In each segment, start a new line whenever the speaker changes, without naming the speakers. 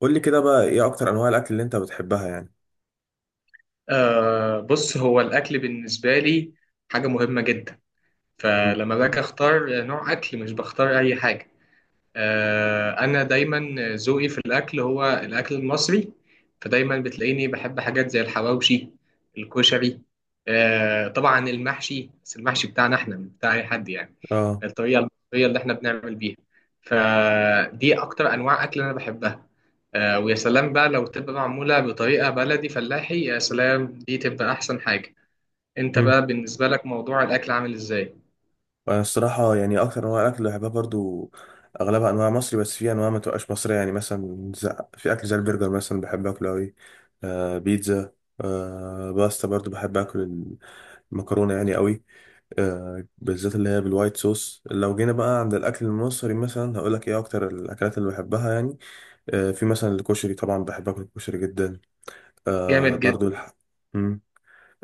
قول لي كده بقى ايه اكتر انواع الاكل اللي انت بتحبها يعني؟
بص هو الأكل بالنسبة لي حاجة مهمة جدا.
مم.
فلما باجي أختار نوع أكل مش بختار أي حاجة. انا دايما ذوقي في الاكل هو الاكل المصري، فدايما بتلاقيني بحب حاجات زي الحواوشي، الكشري، طبعا المحشي، بس المحشي بتاعنا احنا مش بتاع اي حد يعني
اه.
الطريقه المصريه اللي احنا بنعمل بيها. فدي اكتر انواع اكل انا بحبها. ويا سلام بقى لو تبقى معموله بطريقه بلدي فلاحي، يا سلام دي تبقى احسن حاجه. انت
مم.
بقى بالنسبه لك موضوع الاكل عامل ازاي؟
انا الصراحه يعني اكتر انواع الاكل اللي بحبها برضو اغلبها انواع مصري، بس في انواع ما تبقاش مصريه، يعني مثلا في اكل زي البرجر مثلا بحب اكله قوي. بيتزا. باستا برضو بحب اكل المكرونه يعني قوي، بالذات اللي هي بالوايت صوص. لو جينا بقى عند الاكل المصري مثلا هقول لك ايه اكتر الاكلات اللي بحبها يعني. في مثلا الكشري، طبعا بحب اكل الكشري جدا. آه
جامد جدا.
برضو الح...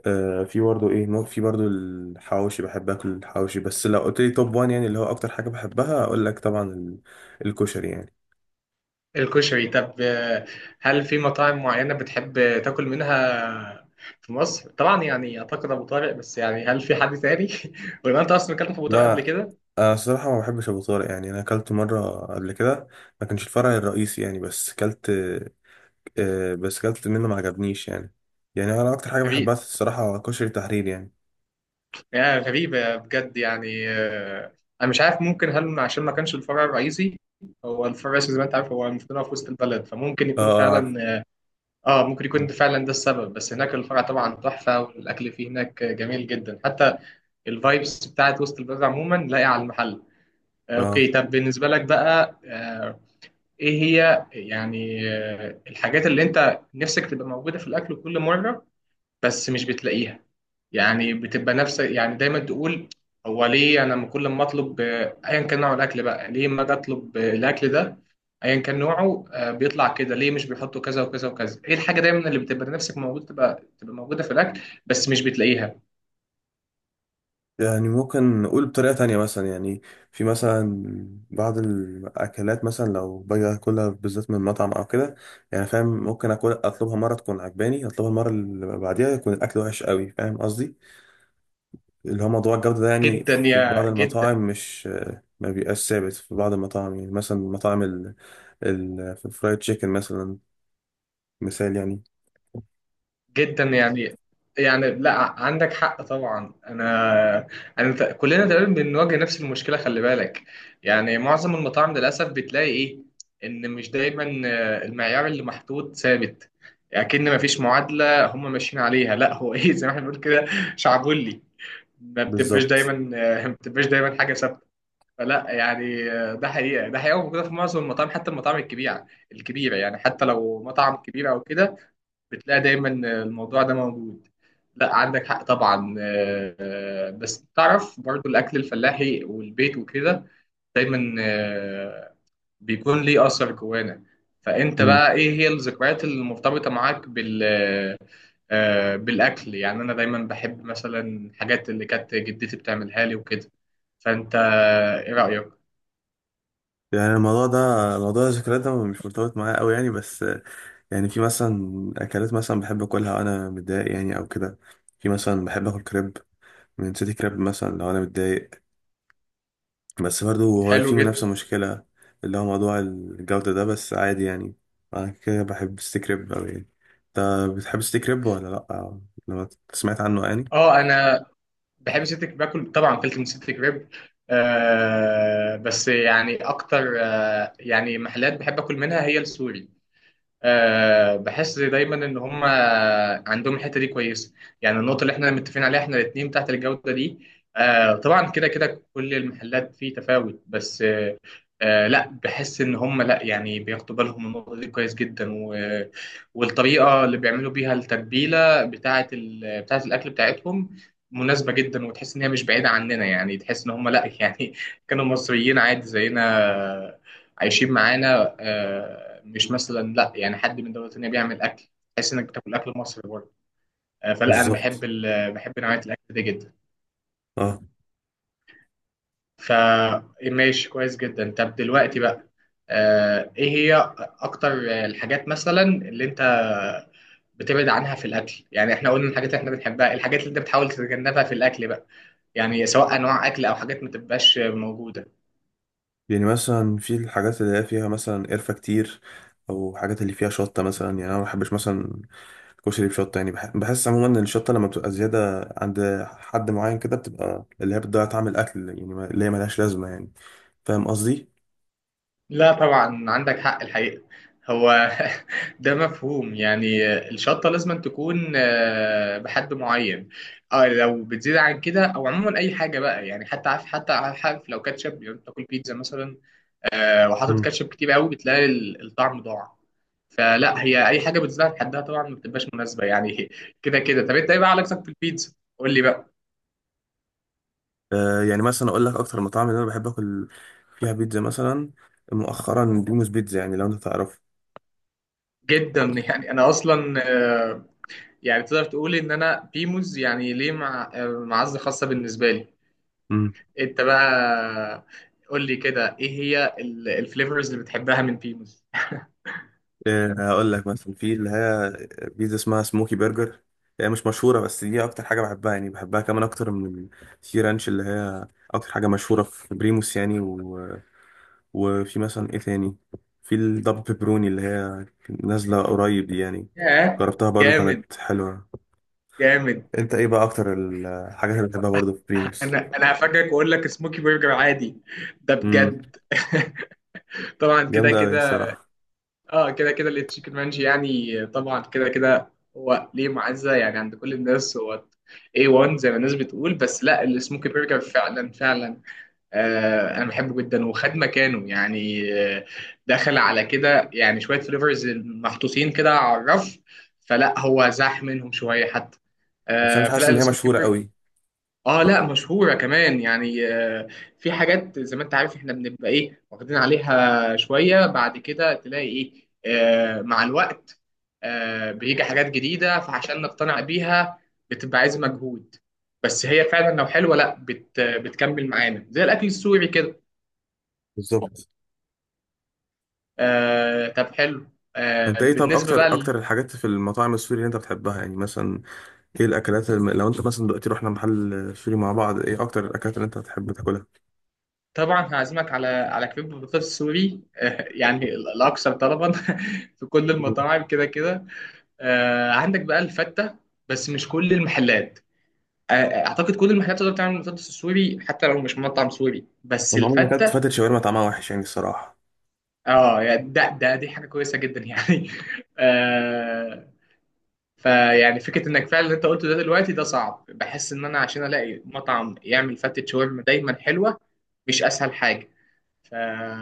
في برضه ايه، ممكن في برضه الحواوشي، بحب اكل الحواوشي. بس لو قلت لي توب وان يعني اللي هو اكتر حاجه بحبها اقول لك طبعا الكشري يعني.
الكشري طب هل في مطاعم معينة بتحب تاكل منها في مصر؟ طبعا يعني أعتقد أبو طارق، بس يعني هل في حد تاني؟ ولا أنت أصلا أكلت في أبو طارق قبل
لا،
كده؟
انا الصراحه ما بحبش ابو طارق يعني. انا اكلت مره قبل كده، ما كانش الفرع الرئيسي يعني، بس اكلت. بس اكلت منه ما عجبنيش يعني. يعني انا اكتر حاجه
غريب،
بحبها الصراحه كشري تحرير يعني.
يعني غريبة بجد يعني. أنا مش عارف، ممكن هل عشان ما كانش الفرع الرئيسي. هو الفرع الرئيسي زي ما أنت عارف هو المفروض إن هو في وسط البلد، فممكن
اه،
يكون
اه، عارف،
فعلا. آه ممكن يكون ده فعلا ده السبب. بس هناك الفرع طبعا تحفة والأكل فيه هناك جميل جدا، حتى الفايبس بتاعت وسط البلد عموما لاقية على المحل.
اه.
اوكي. طب بالنسبة لك بقى ايه هي يعني الحاجات اللي انت نفسك تبقى موجودة في الاكل كل مرة بس مش بتلاقيها؟ يعني بتبقى نفس، يعني دايما تقول هو ليه انا لما كل ما اطلب ايا كان نوع الاكل بقى، ليه ما اجي اطلب الاكل ده ايا كان نوعه بيطلع كده؟ ليه مش بيحطوا كذا وكذا وكذا؟ ايه الحاجة دايما اللي بتبقى نفسك موجودة تبقى موجودة في الاكل بس مش بتلاقيها؟
يعني ممكن نقول بطريقة تانية مثلا يعني، في مثلا بعض الأكلات مثلا لو باجي أكلها بالذات من مطعم أو كده، يعني فاهم، ممكن أكل أطلبها مرة تكون عجباني أطلبها المرة اللي بعديها يكون الأكل وحش قوي، فاهم قصدي؟ اللي هو موضوع الجودة ده، يعني
جدا
في بعض
يا جدا.
المطاعم مش، ما بيبقاش ثابت في بعض المطاعم، يعني مثلا مطاعم في الفرايد تشيكن مثلا، مثال يعني.
جدا يعني لا عندك حق طبعا. كلنا تقريبا بنواجه نفس المشكله، خلي بالك. يعني معظم المطاعم للاسف بتلاقي ايه، ان مش دايما المعيار اللي محطوط ثابت. اكن ما فيش معادله هم ماشيين عليها، لا هو ايه زي ما احنا بنقول كده، شعبولي. ما بتبقاش دايما
بالظبط.
ما بتبقاش دايما حاجه ثابته. فلا يعني ده حقيقه، ده حقيقه موجوده في معظم المطاعم، حتى المطاعم الكبيره. يعني حتى لو مطعم كبير او كده بتلاقي دايما الموضوع ده موجود. لا عندك حق طبعا. بس تعرف برضو الاكل الفلاحي والبيت وكده دايما بيكون ليه اثر جوانا. فانت
مم.
بقى ايه هي الذكريات المرتبطه معاك بالاكل؟ يعني انا دايما بحب مثلا الحاجات اللي كانت جدتي بتعملها لي وكده. فانت ايه رايك؟
يعني الموضوع ده، موضوع الذكريات ده مش مرتبط معايا قوي يعني، بس يعني في مثلا اكلات مثلا بحب اكلها وانا متضايق يعني او كده. في مثلا بحب اكل كريب من سيتي كريب مثلا لو انا متضايق، بس برضه هو في
حلو جدا.
منافسة مشكلة اللي هو موضوع الجودة ده، بس عادي يعني. أنا كده بحب ستيك ريب أوي يعني. أنت بتحب ستيك ريب ولا لأ؟ لما سمعت عنه يعني.
اه انا بحب سيتك باكل طبعا، فلت من سيتك ريب. آه بس يعني اكتر آه يعني محلات بحب اكل منها هي السوري. أه بحس دايما ان هم عندهم الحته دي كويسه. يعني النقطه اللي احنا متفقين عليها احنا الاثنين بتاعت الجوده دي. أه طبعا كده كده كل المحلات فيه تفاوت، بس أه. أه لا بحس ان هم لا يعني بياخدوا بالهم من النقطه دي كويس جدا، و والطريقه اللي بيعملوا بيها التتبيله بتاعه الاكل بتاعتهم مناسبه جدا، وتحس ان هي مش بعيده عننا. يعني تحس ان هم لا يعني كانوا مصريين عادي زينا، عايشين معانا. مش مثلا لا يعني حد من دوله تانيه بيعمل اكل، تحس انك بتاكل اكل مصري برضه. فلا انا
بالظبط.
بحب نوعيه الاكل دي جدا.
اه.
فماشي كويس جدا. طب دلوقتي بقى ايه هي اكتر الحاجات مثلا اللي انت بتبعد عنها في الاكل؟ يعني احنا قلنا الحاجات اللي احنا بنحبها، الحاجات اللي انت بتحاول تتجنبها في الاكل بقى، يعني سواء انواع اكل او حاجات ما تبقاش موجوده.
يعني مثلا في الحاجات اللي هي فيها مثلا قرفة كتير، أو حاجات اللي فيها شطة مثلا، يعني أنا ما بحبش مثلا الكشري بشطة يعني. بحس عموما إن الشطة لما بتبقى زيادة عند حد معين كده بتبقى اللي هي بتضيع طعم الأكل يعني، اللي هي ملهاش لازمة يعني. فاهم قصدي؟
لا طبعا عندك حق الحقيقة. هو ده مفهوم يعني الشطة لازم تكون بحد معين. اه لو بتزيد عن كده او عموما اي حاجة بقى يعني، حتى عارف حتى عارف لو كاتشب، لو بتاكل بيتزا مثلا وحاطط كاتشب كتير قوي بتلاقي الطعم ضاع. فلا هي اي حاجة بتزيد عن حدها طبعا ما بتبقاش مناسبة يعني كده كده. طب انت ايه بقى علاقتك في البيتزا؟ قول لي بقى.
يعني مثلا اقول لك اكتر المطاعم اللي انا بحب اكل فيها بيتزا مثلا، مؤخرا دوموس بيتزا، يعني لو انت تعرف.
جدا يعني. انا اصلا يعني تقدر تقول ان انا بيموز يعني ليه معزه خاصه بالنسبه لي.
امم
انت بقى قول لي كده ايه هي الفليفرز اللي بتحبها من بيموز؟
هقول لك مثلا في اللي هي بيتزا اسمها سموكي برجر، هي مش مشهوره بس دي اكتر حاجه بحبها يعني، بحبها كمان اكتر من السي رانش اللي هي اكتر حاجه مشهوره في بريموس يعني. و... وفي مثلا ايه تاني، في الدبل بيبروني اللي هي نازله قريب دي يعني،
ياه.
جربتها برضو
جامد.
كانت حلوه.
جامد.
انت ايه بقى اكتر الحاجات اللي بتحبها برضو في بريموس؟
انا هفاجئك واقول لك سموكي برجر عادي. ده
امم
بجد. طبعا كده
جامده قوي
كده.
الصراحه.
اه كده كده التشيكن مانجي يعني طبعا كده كده، هو ليه معزه يعني عند كل الناس، هو A1 زي ما الناس بتقول. بس لا السموكي برجر فعلا فعلا انا بحبه جدا وخد مكانه يعني. آه، دخل على كده يعني شويه فليفرز محطوطين كده على الرف، فلا هو زاح منهم شويه حتى
بس انا مش حاسس
فلا
ان هي
السموكي
مشهوره
برجر.
قوي.
اه لا مشهوره كمان يعني في حاجات زي ما انت عارف احنا بنبقى ايه واخدين عليها شويه، بعد كده تلاقي ايه مع الوقت بيجي حاجات جديده، فعشان نقتنع بيها بتبقى عايز مجهود. بس هي فعلا لو حلوه لا بتكمل معانا زي الاكل السوري كده.
بالظبط.
آه طب حلو. آه
انت ايه طب
بالنسبة
اكتر
بقى
اكتر الحاجات في المطاعم السوري اللي انت بتحبها يعني؟ مثلا ايه الاكلات لو انت مثلا دلوقتي رحنا محل سوري مع بعض ايه اكتر الاكلات اللي انت بتحب تاكلها؟
طبعا هعزمك على كريب بطاطس سوري، آه يعني الأكثر طلبا في كل
مم.
المطاعم كده كده. آه عندك بقى الفتة، بس مش كل المحلات. آه أعتقد كل المحلات تقدر تعمل بطاطس سوري حتى لو مش مطعم سوري، بس
انا عمري ما اكلت
الفتة.
فتة شاورما، طعمها وحش يعني الصراحه.
اه يعني ده دي حاجة كويسة جدا يعني. آه فيعني فكرة انك فعلا اللي انت قلته ده دلوقتي ده صعب. بحس ان انا عشان الاقي مطعم يعمل فتة شاورما دايما حلوة مش اسهل حاجة. ف...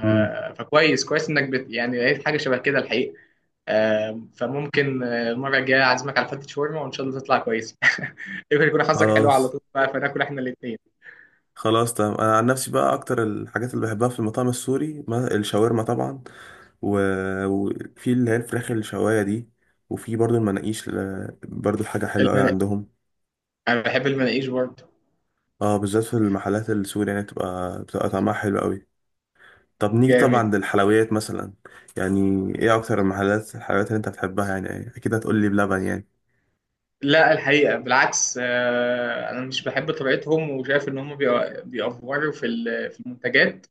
امم
فكويس، يعني لقيت حاجة شبه كده الحقيقة. فممكن المرة الجاية أعزمك على فتة شاورما، وإن شاء الله تطلع كويسة يمكن يكون حظك حلو على
خلاص
طول بقى، فناكل إحنا الاتنين.
خلاص تمام. انا عن نفسي بقى اكتر الحاجات اللي بحبها في المطاعم السوري الشاورما طبعا، و... وفي اللي هي الفراخ الشوايه دي، وفي برضو المناقيش، برضو حاجه حلوه قوي
المناقيش.
عندهم.
أنا بحب المناقيش برضه.
اه، بالذات في المحلات السوري يعني بتبقى طعمها حلو قوي. طب نيجي طبعا
جامد.
للحلويات مثلا، يعني ايه اكتر المحلات الحلويات اللي انت بتحبها يعني؟ اكيد هتقول لي بلبن يعني.
لا الحقيقة بالعكس أنا مش بحب طريقتهم، وشايف إن هم بيأفوروا في المنتجات.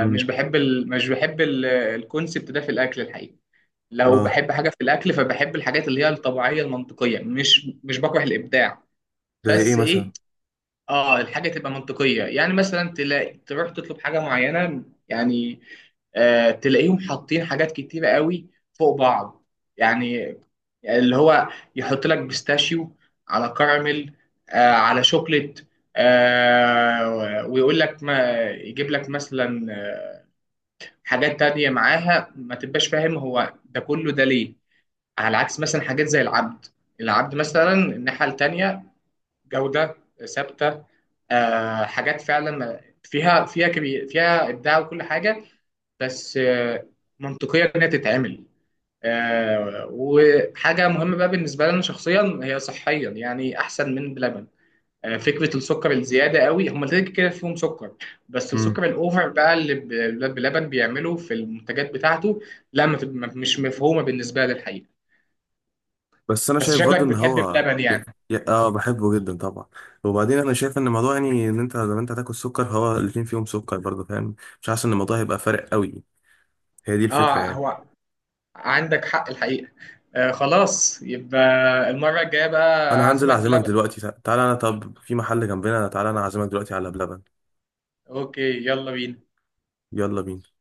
امم
بحب ال... مش بحب ال... الكونسبت ده في الاكل الحقيقي. لو
اه.
بحب حاجه في الاكل فبحب الحاجات اللي هي الطبيعيه المنطقيه، مش بكره الابداع.
زي ايه
بس
مثلا؟
ايه. اه الحاجه تبقى منطقيه يعني، مثلا تلاقي تروح تطلب حاجه معينه يعني آه تلاقيهم حاطين حاجات كتيره قوي فوق بعض. يعني اللي هو يحط لك بيستاشيو على كراميل، آه على شوكليت، آه ويقول لك ما يجيب لك مثلا حاجات تانية معاها، ما تبقاش فاهم هو ده كله ده ليه. على عكس مثلا حاجات زي العبد. العبد مثلا الناحية التانية، جودة ثابتة، آه حاجات فعلا فيها فيها كبير، فيها إبداع وكل حاجة، بس آه منطقية إنها تتعمل. آه وحاجة مهمة بقى بالنسبة لنا شخصيا هي صحيا، يعني أحسن من بلبن. فكره السكر الزياده قوي، هم كده كده فيهم سكر، بس
امم
السكر الاوفر بقى اللي الولاد بلبن بيعمله في المنتجات بتاعته، لا ما تب- ما- مش مفهومه بالنسبه لي الحقيقه.
بس انا
بس
شايف
شكلك
برضو ان
بتحب
هو
بلبن يعني.
اه، بحبه جدا طبعا. وبعدين انا شايف ان الموضوع يعني ان انت لما انت هتاكل سكر هو الاتنين فيهم سكر برضو، فاهم؟ مش حاسس ان الموضوع هيبقى فارق قوي، هي دي الفكره
اه
يعني.
هو عندك حق الحقيقه. خلاص، يبقى المره الجايه بقى
انا هنزل
اعزمك
اعزمك
بلبن.
دلوقتي، تعالى انا، طب في محل جنبنا، تعالى انا اعزمك دلوقتي على بلبن.
اوكي. يلا بينا.
يلا بينا.